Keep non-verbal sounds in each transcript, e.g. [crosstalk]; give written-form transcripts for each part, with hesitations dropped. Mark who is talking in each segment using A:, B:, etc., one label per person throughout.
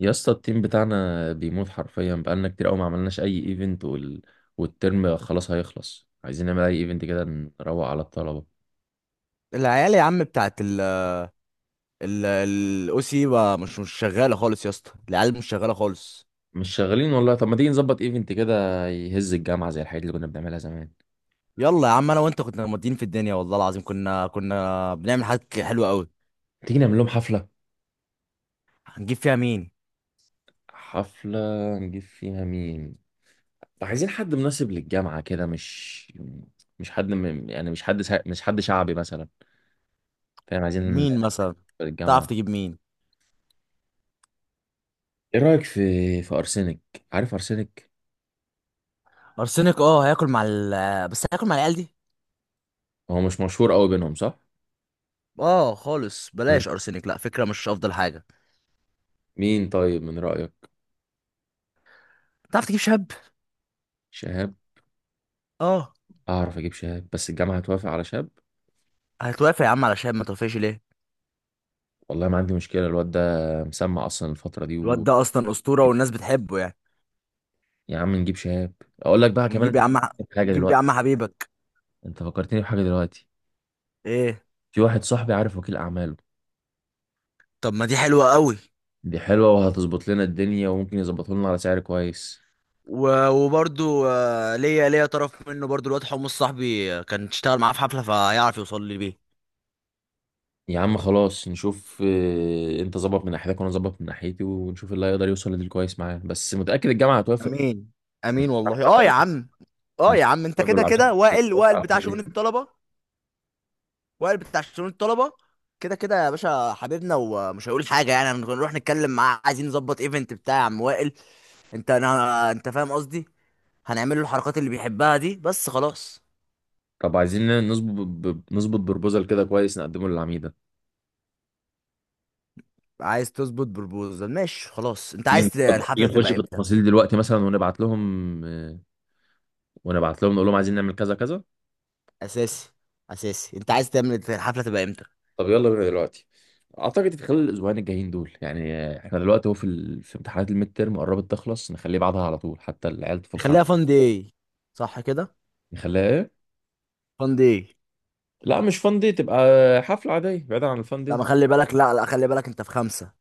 A: يا اسطى، التيم بتاعنا بيموت حرفيا، بقالنا كتير قوي ما عملناش اي ايفنت والترم خلاص هيخلص. عايزين نعمل اي ايفنت كده، نروق على الطلبه.
B: العيال يا عم بتاعت ال الاو سي مش شغاله خالص يا اسطى العيال مش شغاله خالص.
A: مش شغالين والله. طب ما تيجي نظبط ايفنت كده يهز الجامعه زي الحاجات اللي كنا بنعملها زمان؟
B: يلا يا عم انا وانت كنا مودين في الدنيا، والله العظيم كنا بنعمل حاجات حلوه قوي.
A: تيجي نعمل لهم حفله.
B: هنجيب فيها مين؟
A: حفله نجيب فيها مين؟ عايزين حد مناسب للجامعه كده، مش يعني مش حد شعبي مثلا. فاهم؟ عايزين
B: مين مثلا؟ تعرف
A: الجامعه.
B: تجيب مين؟
A: ايه رايك في ارسنك؟ عارف ارسنك؟
B: ارسنك؟ اه هياكل مع ال بس هياكل مع العيال دي.
A: هو مش مشهور قوي بينهم، صح؟
B: اه خالص بلاش ارسنك، لا فكره مش افضل حاجه.
A: مين طيب من رأيك؟
B: تعرف تجيب شاب؟
A: شهاب؟
B: اه.
A: اعرف اجيب شهاب، بس الجامعة هتوافق على شهاب؟
B: هتوافق يا عم على شاب، ما توافقش ليه؟
A: والله ما عندي مشكلة، الواد ده مسمع اصلا الفترة دي
B: الواد ده اصلا اسطوره والناس بتحبه يعني.
A: يا عم نجيب شهاب. اقول لك بقى كمان،
B: ونجيب يا عم.
A: انت حاجة
B: ونجيب يا عم
A: دلوقتي.
B: حبيبك.
A: انت فكرتني بحاجة دلوقتي.
B: ايه؟
A: في واحد صاحبي عارف وكيل اعماله.
B: طب ما دي حلوه قوي.
A: دي حلوة وهتظبط لنا الدنيا، وممكن يظبطه لنا على سعر كويس.
B: وبرضو ليا طرف منه برضو، الواد حمص صاحبي كان اشتغل معاه في حفلة فهيعرف يوصل لي بيه.
A: يا عم خلاص نشوف، انت ظبط من ناحيتك وانا ظبط من ناحيتي، ونشوف اللي هيقدر يوصل لديل كويس معاه، بس متأكد الجامعة هتوافق؟
B: امين. امين والله، اه يا
A: أحمد.
B: عم. اه
A: هيرفع-
B: يا عم، انت
A: أحمد
B: كده كده وائل بتاع شؤون
A: والعبد.
B: الطلبه. وائل بتاع شؤون الطلبه كده كده يا باشا حبيبنا، ومش هيقول حاجه يعني. هنروح نتكلم معاه عايزين نظبط ايفنت بتاع يا عم وائل. انت فاهم قصدي. هنعمل له الحركات اللي بيحبها دي بس خلاص.
A: طب عايزين نظبط نظبط بروبوزال كده كويس نقدمه للعميدة.
B: عايز تظبط بربوزل؟ ماشي خلاص. انت عايز
A: تيجي
B: الحفله
A: نخش
B: تبقى
A: في
B: امتى؟
A: التفاصيل دلوقتي مثلا، ونبعت لهم، ونبعت لهم نقول لهم عايزين نعمل كذا كذا.
B: اساسي. اساسي، انت عايز تعمل الحفله تبقى امتى؟
A: طب يلا بينا دلوقتي. اعتقد في خلال الاسبوعين الجايين دول يعني، احنا دلوقتي اهو في في امتحانات الميد تيرم، قربت تخلص، نخليه بعدها على طول حتى العيال تفك عنها.
B: خليها فان داي. صح كده؟
A: نخليها ايه؟
B: فان داي.
A: لا مش فان دي تبقى، حفلة عادية بعيدا عن الفان
B: لا
A: دي.
B: ما خلي بالك، لا خلي بالك، انت في خمسة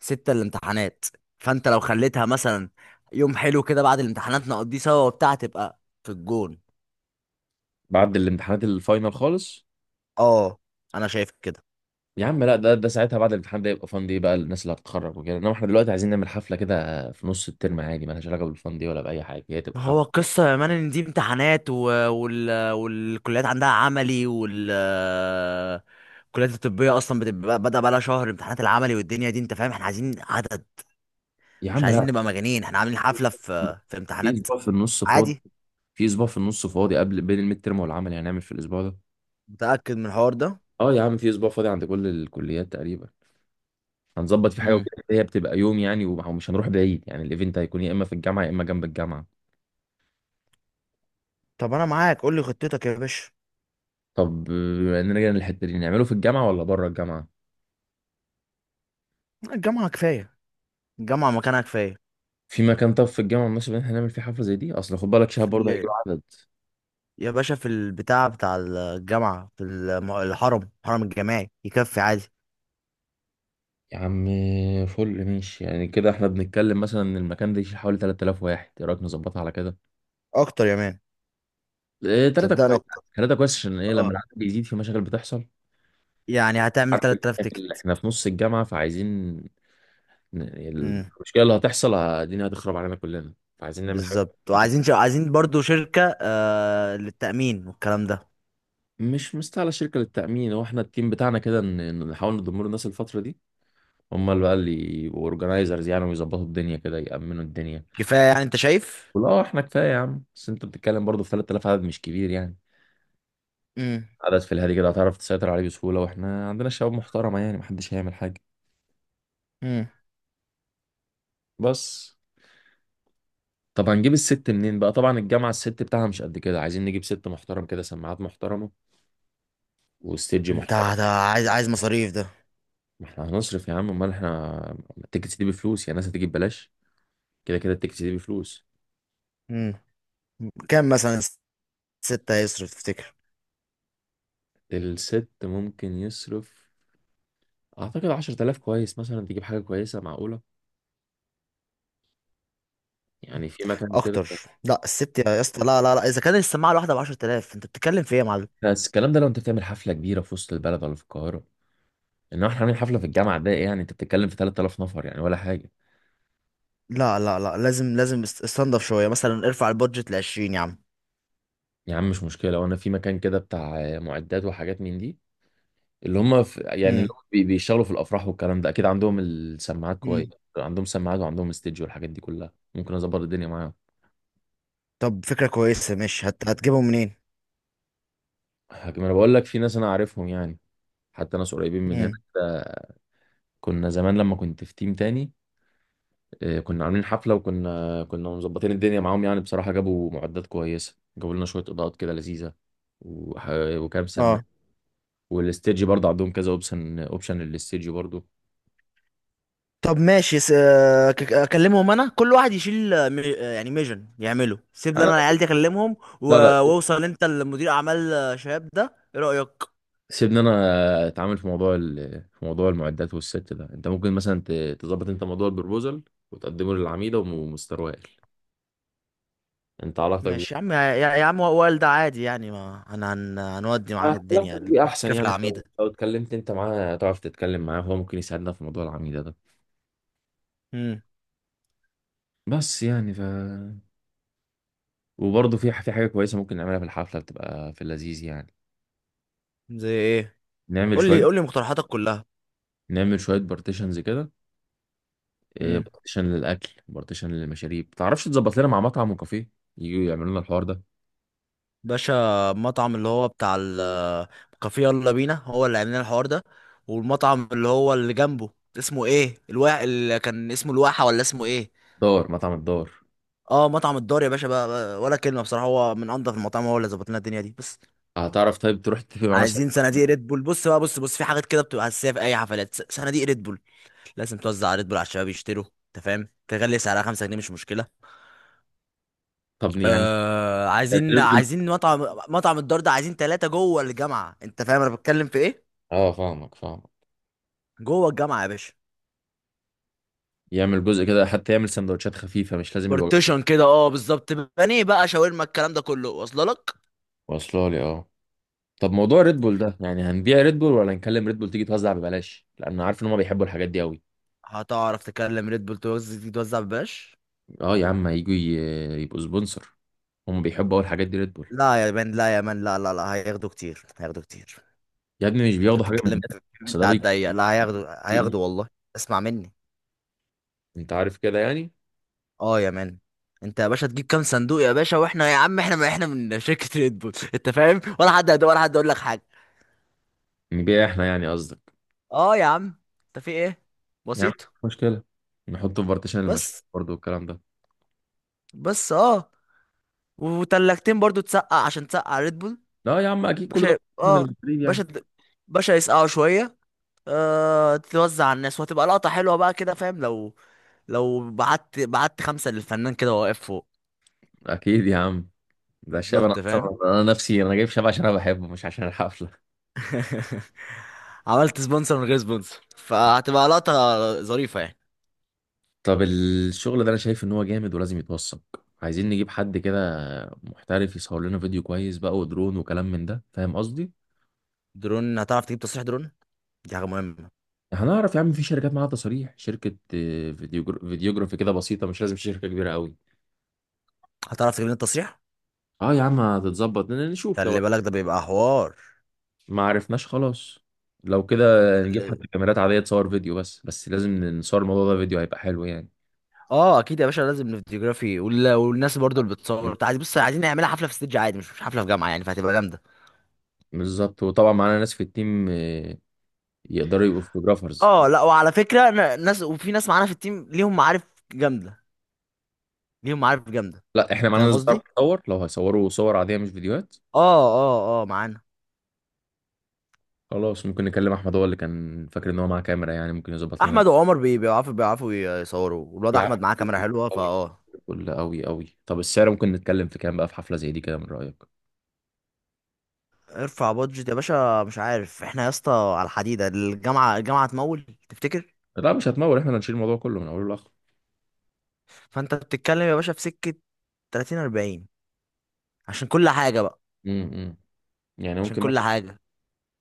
B: ستة الامتحانات. فانت لو خليتها مثلا يوم حلو كده بعد الامتحانات نقضيه سوا وبتاع، تبقى في الجون.
A: بعد الامتحانات الفاينل خالص؟
B: اه. انا شايف كده.
A: يا عم لا، ده ساعتها بعد الامتحان ده يبقى فان دي، بقى الناس اللي هتتخرج وكده. انما احنا دلوقتي عايزين نعمل حفله كده في نص الترم عادي، مالهاش علاقه بالفان دي ولا باي حاجه، هي تبقى
B: ما هو
A: حفله.
B: القصة يا مان ان دي امتحانات و... وال... والكليات عندها عملي وال الكليات الطبية اصلا بتبقى بدأ بقى لها شهر امتحانات العملي والدنيا دي، انت فاهم، احنا عايزين عدد.
A: يا
B: مش
A: عم
B: عايزين
A: لا،
B: نبقى مجانين احنا عاملين حفلة في
A: في
B: امتحانات.
A: اسبوع في النص فاضي.
B: عادي.
A: في اسبوع في النص فاضي قبل، بين الميد ترم والعمل يعني، هنعمل في الاسبوع ده.
B: متأكد من الحوار ده؟
A: اه يا عم في اسبوع فاضي عند كل الكليات تقريبا. هنظبط في حاجه
B: امم.
A: وكده، هي بتبقى يوم يعني، ومش هنروح بعيد يعني، الايفنت هيكون يا اما في الجامعه يا اما جنب الجامعه.
B: طب انا معاك، قول لي خطتك يا باشا.
A: طب، نرجع للحته دي، نعمله في الجامعه ولا بره الجامعه؟
B: الجامعة كفاية. الجامعة مكانها كفاية.
A: في مكان طب في الجامعه مناسب ان احنا نعمل فيه حفله زي دي؟ اصل خد بالك، شهر
B: في
A: برضه هيجي
B: ال-
A: له عدد،
B: يا باشا في البتاع بتاع الجامعة، الحرم الجامعي يكفي عادي.
A: يا عم فل ماشي. يعني كده احنا بنتكلم مثلا ان المكان ده يشيل حوالي 3000 واحد، ايه رايك نظبطها على كده؟
B: اكتر يا مان.
A: ايه، 3
B: صدقني
A: كويس.
B: اكتر.
A: 3 كويس عشان ايه لما
B: اه.
A: العدد بيزيد في مشاكل بتحصل.
B: يعني هتعمل
A: عارف،
B: 3000 تيكت؟
A: احنا في نص الجامعه، فعايزين ن-
B: امم.
A: المشكله اللي هتحصل الدنيا هتخرب علينا كلنا، فعايزين نعمل حاجه.
B: بالظبط. وعايزين عايزين برضو شركة للتأمين والكلام ده.
A: مش مستاهله شركه للتامين. هو احنا التيم بتاعنا كده، نحاول نضم له الناس الفتره دي، هم اللي بقى اللي يبقوا اورجنايزرز يعني، ويظبطوا الدنيا كده، يامنوا الدنيا.
B: كفاية يعني انت شايف؟
A: ولا احنا كفايه يا عم، بس انت بتتكلم برضه في 3000، عدد مش كبير يعني.
B: امم.
A: عدد في الهادي كده، هتعرف تسيطر عليه بسهولة، واحنا عندنا شباب محترمة يعني، محدش هيعمل حاجة.
B: امم.
A: بس طب هنجيب الست منين بقى؟ طبعا الجامعة الست بتاعها مش قد كده، عايزين نجيب ست محترم كده، سماعات محترمة وستيج
B: انت
A: محترم.
B: عايز مصاريف ده.
A: ما احنا هنصرف يا عم، امال احنا التيكتس دي بفلوس يعني، الناس هتيجي ببلاش؟ كده كده التيكتس دي بفلوس.
B: مم. كام مثلا؟ ستة هيصرف تفتكر؟
A: الست ممكن يصرف، اعتقد 10000 كويس مثلا، تجيب حاجة كويسة معقولة يعني، في مكان كده.
B: اكتر. لا الست يا اسطى، لا، اذا كان السماعه الواحده ب 10000، انت بتتكلم في ايه يا معلم؟
A: بس الكلام ده لو انت بتعمل حفلة كبيرة في وسط البلد ولا في القاهرة، انما احنا هنعمل حفلة في الجامعة، ده إيه يعني، انت بتتكلم في 3000 نفر يعني ولا حاجة.
B: لا، لازم استنضف شويه، مثلا ارفع البادجت ل 20 يا عم.
A: يا عم مش مشكلة، وانا في مكان كده بتاع معدات وحاجات من دي، اللي هم في يعني اللي
B: مم.
A: هم بيشتغلوا في الافراح والكلام ده، اكيد عندهم السماعات كويس.
B: مم.
A: عندهم سماعات وعندهم استديو والحاجات دي كلها، ممكن اظبط الدنيا معاهم.
B: طب فكره كويسه ماشي، هتجيبهم منين؟
A: لكن انا بقول لك في ناس انا عارفهم يعني، حتى ناس قريبين من هنا
B: مم.
A: كده. كنا زمان لما كنت في تيم تاني، كنا عاملين حفلة، وكنا مظبطين الدنيا معاهم. يعني بصراحة جابوا معدات كويسة، جابوا لنا شوية اضاءات كده لذيذة، وح- وكام سماعة.
B: اه.
A: والاستديو برضه عندهم كذا اوبشن للاستديو برضه.
B: طب ماشي س... آه، ك- آه، اكلمهم انا كل واحد يشيل آه، مي... آه، يعني ميجن يعمله، سيب لي
A: انا
B: انا العيال دي اكلمهم.
A: لا لا،
B: واوصل انت لمدير اعمال شباب ده، ايه رايك؟
A: سيبني انا اتعامل في موضوع في موضوع المعدات والست ده. انت ممكن مثلا تظبط انت موضوع البروبوزل وتقدمه للعميده ومستر وائل. انت علاقتك
B: ماشي يا
A: بيه
B: عم. يا عم وائل ده عادي يعني، ما هن هنودي معاك الدنيا،
A: علاقتك بيه احسن
B: الفكرة في
A: يعني،
B: العميدة.
A: لو اتكلمت انت معاه، تعرف تتكلم معاه؟ هو ممكن يساعدنا في موضوع العميده ده.
B: امم.
A: بس يعني وبرضه في حاجه كويسه ممكن نعملها في الحفله، بتبقى في اللذيذ يعني.
B: زي ايه؟
A: نعمل
B: قول لي
A: شويه
B: قول لي مقترحاتك كلها.
A: نعمل شويه بارتيشنز كده،
B: امم.
A: بارتيشن للاكل، بارتيشن للمشاريب. تعرفش تظبط لنا مع مطعم وكافيه، يجوا يعملوا لنا الحوار ده؟
B: باشا، المطعم اللي هو بتاع الكافيه يلا بينا هو اللي عاملين الحوار ده، والمطعم اللي هو اللي جنبه، اسمه ايه الوا اللي كان اسمه الواحة ولا اسمه ايه؟
A: دار، مطعم الدار.
B: اه مطعم الدار، يا باشا بقى ولا كلمة بصراحة، هو من انضف المطاعم، هو اللي ظبط لنا الدنيا دي بس.
A: هتعرف طيب تروح تتفق مع مثلا،
B: عايزين صناديق ريد بول. بص بقى، بص في حاجات كده بتبقى اساسيه في اي حفلات، صناديق ريد بول لازم توزع على ريد بول على الشباب يشتروا، انت فاهم، تغلي سعرها 5 جنيه مش مشكله.
A: طب يعني
B: آه عايزين
A: تقول-
B: مطعم، مطعم الدار ده عايزين ثلاثه جوه الجامعه، انت فاهم انا بتكلم في ايه؟
A: اه فاهمك فاهمك.
B: جوه الجامعه يا باشا.
A: يعمل جزء كده، حتى يعمل سندوتشات خفيفة، مش لازم الوجبات.
B: بارتيشن كده اه بالظبط، بانيه بقى شاورما، الكلام ده كله واصله لك.
A: واصله لي اه. طب موضوع ريد بول ده، يعني هنبيع ريد بول ولا نكلم ريد بول تيجي توزع ببلاش؟ لان عارف ان هم بيحبوا الحاجات دي قوي.
B: هتعرف تكلم ريد بول توزع ببلاش؟
A: اه يا عم هيجوا يبقوا سبونسر. هم بيحبوا اول الحاجات دي ريد بول.
B: لا يا مان، لا، هياخدوا كتير، هياخدوا كتير.
A: يا ابني مش
B: انت
A: بياخدوا حاجة
B: بتتكلم
A: مننا.
B: في
A: بس
B: بنت
A: ده
B: على
A: بيكون
B: الضيق، لا هياخدوا،
A: سوق ليه.
B: هياخدوا والله. اسمع مني.
A: انت عارف كده يعني.
B: اه يا مان. انت يا باشا تجيب كام صندوق يا باشا واحنا يا عم، احنا ما احنا من شركة ريد بول [laughs] انت فاهم، ولا حد ولا حد يقول لك حاجة.
A: نبيع احنا يعني قصدك؟
B: اه يا عم. انت في ايه؟
A: يا عم
B: بسيط.
A: مش مشكلة، نحطه في بارتيشن المشاكل
B: بس
A: برضه والكلام ده.
B: بس اه. وتلاجتين برضو تسقع، عشان تسقع ريد بول.
A: لا يا عم اكيد كل ده،
B: باشا
A: من
B: اه.
A: المدريد
B: باشا
A: يعني.
B: باشا، يسقعوا شوية، آه تتوزع على الناس وهتبقى لقطة حلوة بقى كده فاهم. لو بعت خمسة للفنان كده وهو واقف فوق.
A: اكيد يا عم، ده الشعب، انا
B: بالظبط
A: اصلا
B: فاهم.
A: انا نفسي انا جايب شعب عشان انا بحبه، مش عشان الحفله.
B: [laughs] عملت سبونسر من غير سبونسر، فهتبقى لقطة ظريفة يعني.
A: طب الشغل ده انا شايف ان هو جامد، ولازم يتوثق. عايزين نجيب حد كده محترف يصور لنا فيديو كويس بقى، ودرون وكلام من ده، فاهم قصدي؟
B: درون، هتعرف تجيب تصريح درون؟ دي حاجة مهمة.
A: هنعرف يا عم، في شركات معاها تصاريح، شركه فيديوجرافي كده بسيطه، مش لازم شركه كبيره قوي.
B: هتعرف تجيب لنا التصريح؟
A: اه يا عم هتتظبط، نشوف. لو
B: خلي بالك ده بيبقى حوار.
A: ما عرفناش خلاص، لو كده نجيب
B: خلي.
A: حد كاميرات عاديه تصور فيديو، بس بس لازم نصور الموضوع ده فيديو، هيبقى حلو يعني.
B: اه اكيد يا باشا، لازم الفيديوغرافي والناس برضو اللي بتصور بتاع. بص، عايزين نعملها حفلة في ستيدج عادي، مش حفلة في جامعة يعني، فهتبقى جامدة.
A: بالظبط، وطبعا معانا ناس في التيم يقدروا يبقوا فوتوجرافرز.
B: اه لا وعلى فكرة ناس وفي ناس معانا في التيم ليهم معارف جامدة. ليهم معارف جامدة.
A: لا احنا معانا
B: فاهم
A: ناس بتعرف
B: قصدي؟
A: تصور، لو هيصوروا صور عاديه مش فيديوهات.
B: اه معانا.
A: خلاص ممكن نكلم احمد، هو اللي كان فاكر ان هو معاه كاميرا يعني، ممكن يظبط لنا.
B: احمد وعمر بيعرفوا، يصوروا، والواد
A: يا
B: احمد معاه كاميرا حلوة
A: قوي،
B: فاه
A: كل قوي قوي. طب السعر ممكن نتكلم في كام بقى، في حفله زي دي كده، من رايك؟
B: ارفع بادجت يا باشا. مش عارف احنا يا اسطى على الحديدة، الجامعة هتمول تفتكر؟
A: لا مش هتمول، احنا اللي هنشيل الموضوع كله من اوله لاخره.
B: فانت بتتكلم يا باشا في سكة 30 40، عشان كل حاجة بقى.
A: امم، يعني
B: عشان
A: ممكن
B: كل
A: مثلا،
B: حاجة.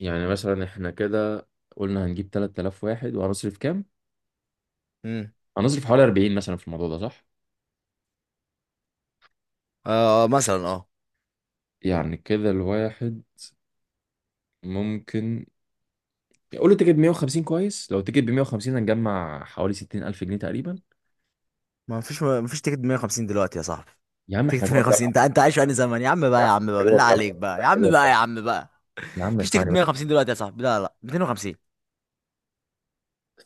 A: يعني مثلا احنا كده قلنا هنجيب 3000 واحد، وهنصرف كام؟
B: امم.
A: هنصرف حوالي 40 مثلا في الموضوع ده، صح؟
B: آه، مثلا اه.
A: يعني كده الواحد ممكن، قول له تيكت 150 كويس. لو تيكت ب 150، هنجمع حوالي 60000 جنيه تقريبا.
B: ما فيش، تيكت 150 دلوقتي يا صاحبي.
A: يا عم احنا
B: تيكت
A: جوه
B: 150،
A: الجامعه،
B: انت عايش في انهي زمن؟ يا عم
A: يا
B: بقى
A: عم
B: يا عم بقى
A: احنا جوه
B: بالله
A: الجامعه،
B: عليك بقى، يا
A: احنا جوه
B: عم بقى يا
A: الجامعه.
B: عم بقى
A: يا عم
B: مفيش تيكت
A: اسمعني بس.
B: 150 دلوقتي يا صاحبي، لا، 250.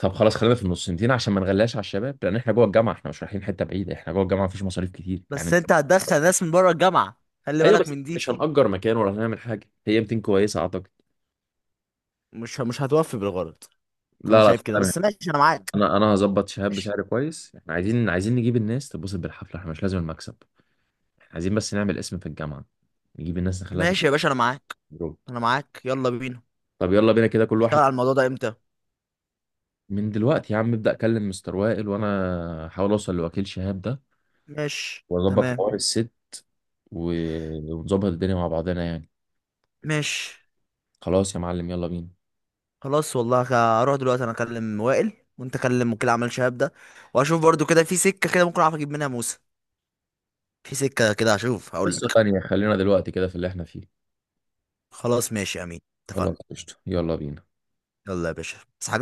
A: طب خلاص خلينا في النصنتين، عشان ما نغلاش على الشباب، لان احنا جوه الجامعه، احنا مش رايحين حته بعيده، احنا جوه الجامعه، مفيش مصاريف كتير
B: بس
A: يعني.
B: انت هتدخل ناس من بره الجامعة، خلي
A: ايوه،
B: بالك
A: بس
B: من دي.
A: مش هنأجر مكان ولا هنعمل حاجه، هي 200 كويسه اعتقد.
B: مش هتوفي بالغرض. انا
A: لا لا،
B: شايف كده
A: انا
B: بس ماشي، انا معاك.
A: انا انا هظبط شهاب
B: ماشي.
A: بسعر كويس. احنا عايزين نجيب الناس تتبسط بالحفله، احنا مش لازم المكسب. احنا عايزين بس نعمل اسم في الجامعه، نجيب الناس نخليها في
B: ماشي يا باشا انا معاك.
A: الجروب.
B: انا معاك، يلا بينا.
A: طب يلا بينا كده كل
B: نشتغل
A: واحد.
B: على الموضوع ده امتى؟
A: من دلوقتي يا عم ابدأ اكلم مستر وائل، وانا احاول اوصل لوكيل شهاب ده
B: ماشي
A: واظبط
B: تمام.
A: حوار الست، ونظبط الدنيا مع بعضنا يعني.
B: ماشي.
A: خلاص يا معلم يلا بينا.
B: خلاص والله. هروح دلوقتي انا اكلم وائل، وانت كلم وكيل اعمال شهاب ده. واشوف برضو كده في سكة كده ممكن اعرف اجيب منها موسى. في سكة كده هشوف، هقول
A: قصة
B: لك.
A: تانية، خلينا دلوقتي كده في اللي احنا فيه.
B: خلاص ماشي يا امين. اتفقنا.
A: خلاص قشطة، يلا بينا.
B: يلا يا باشا بس.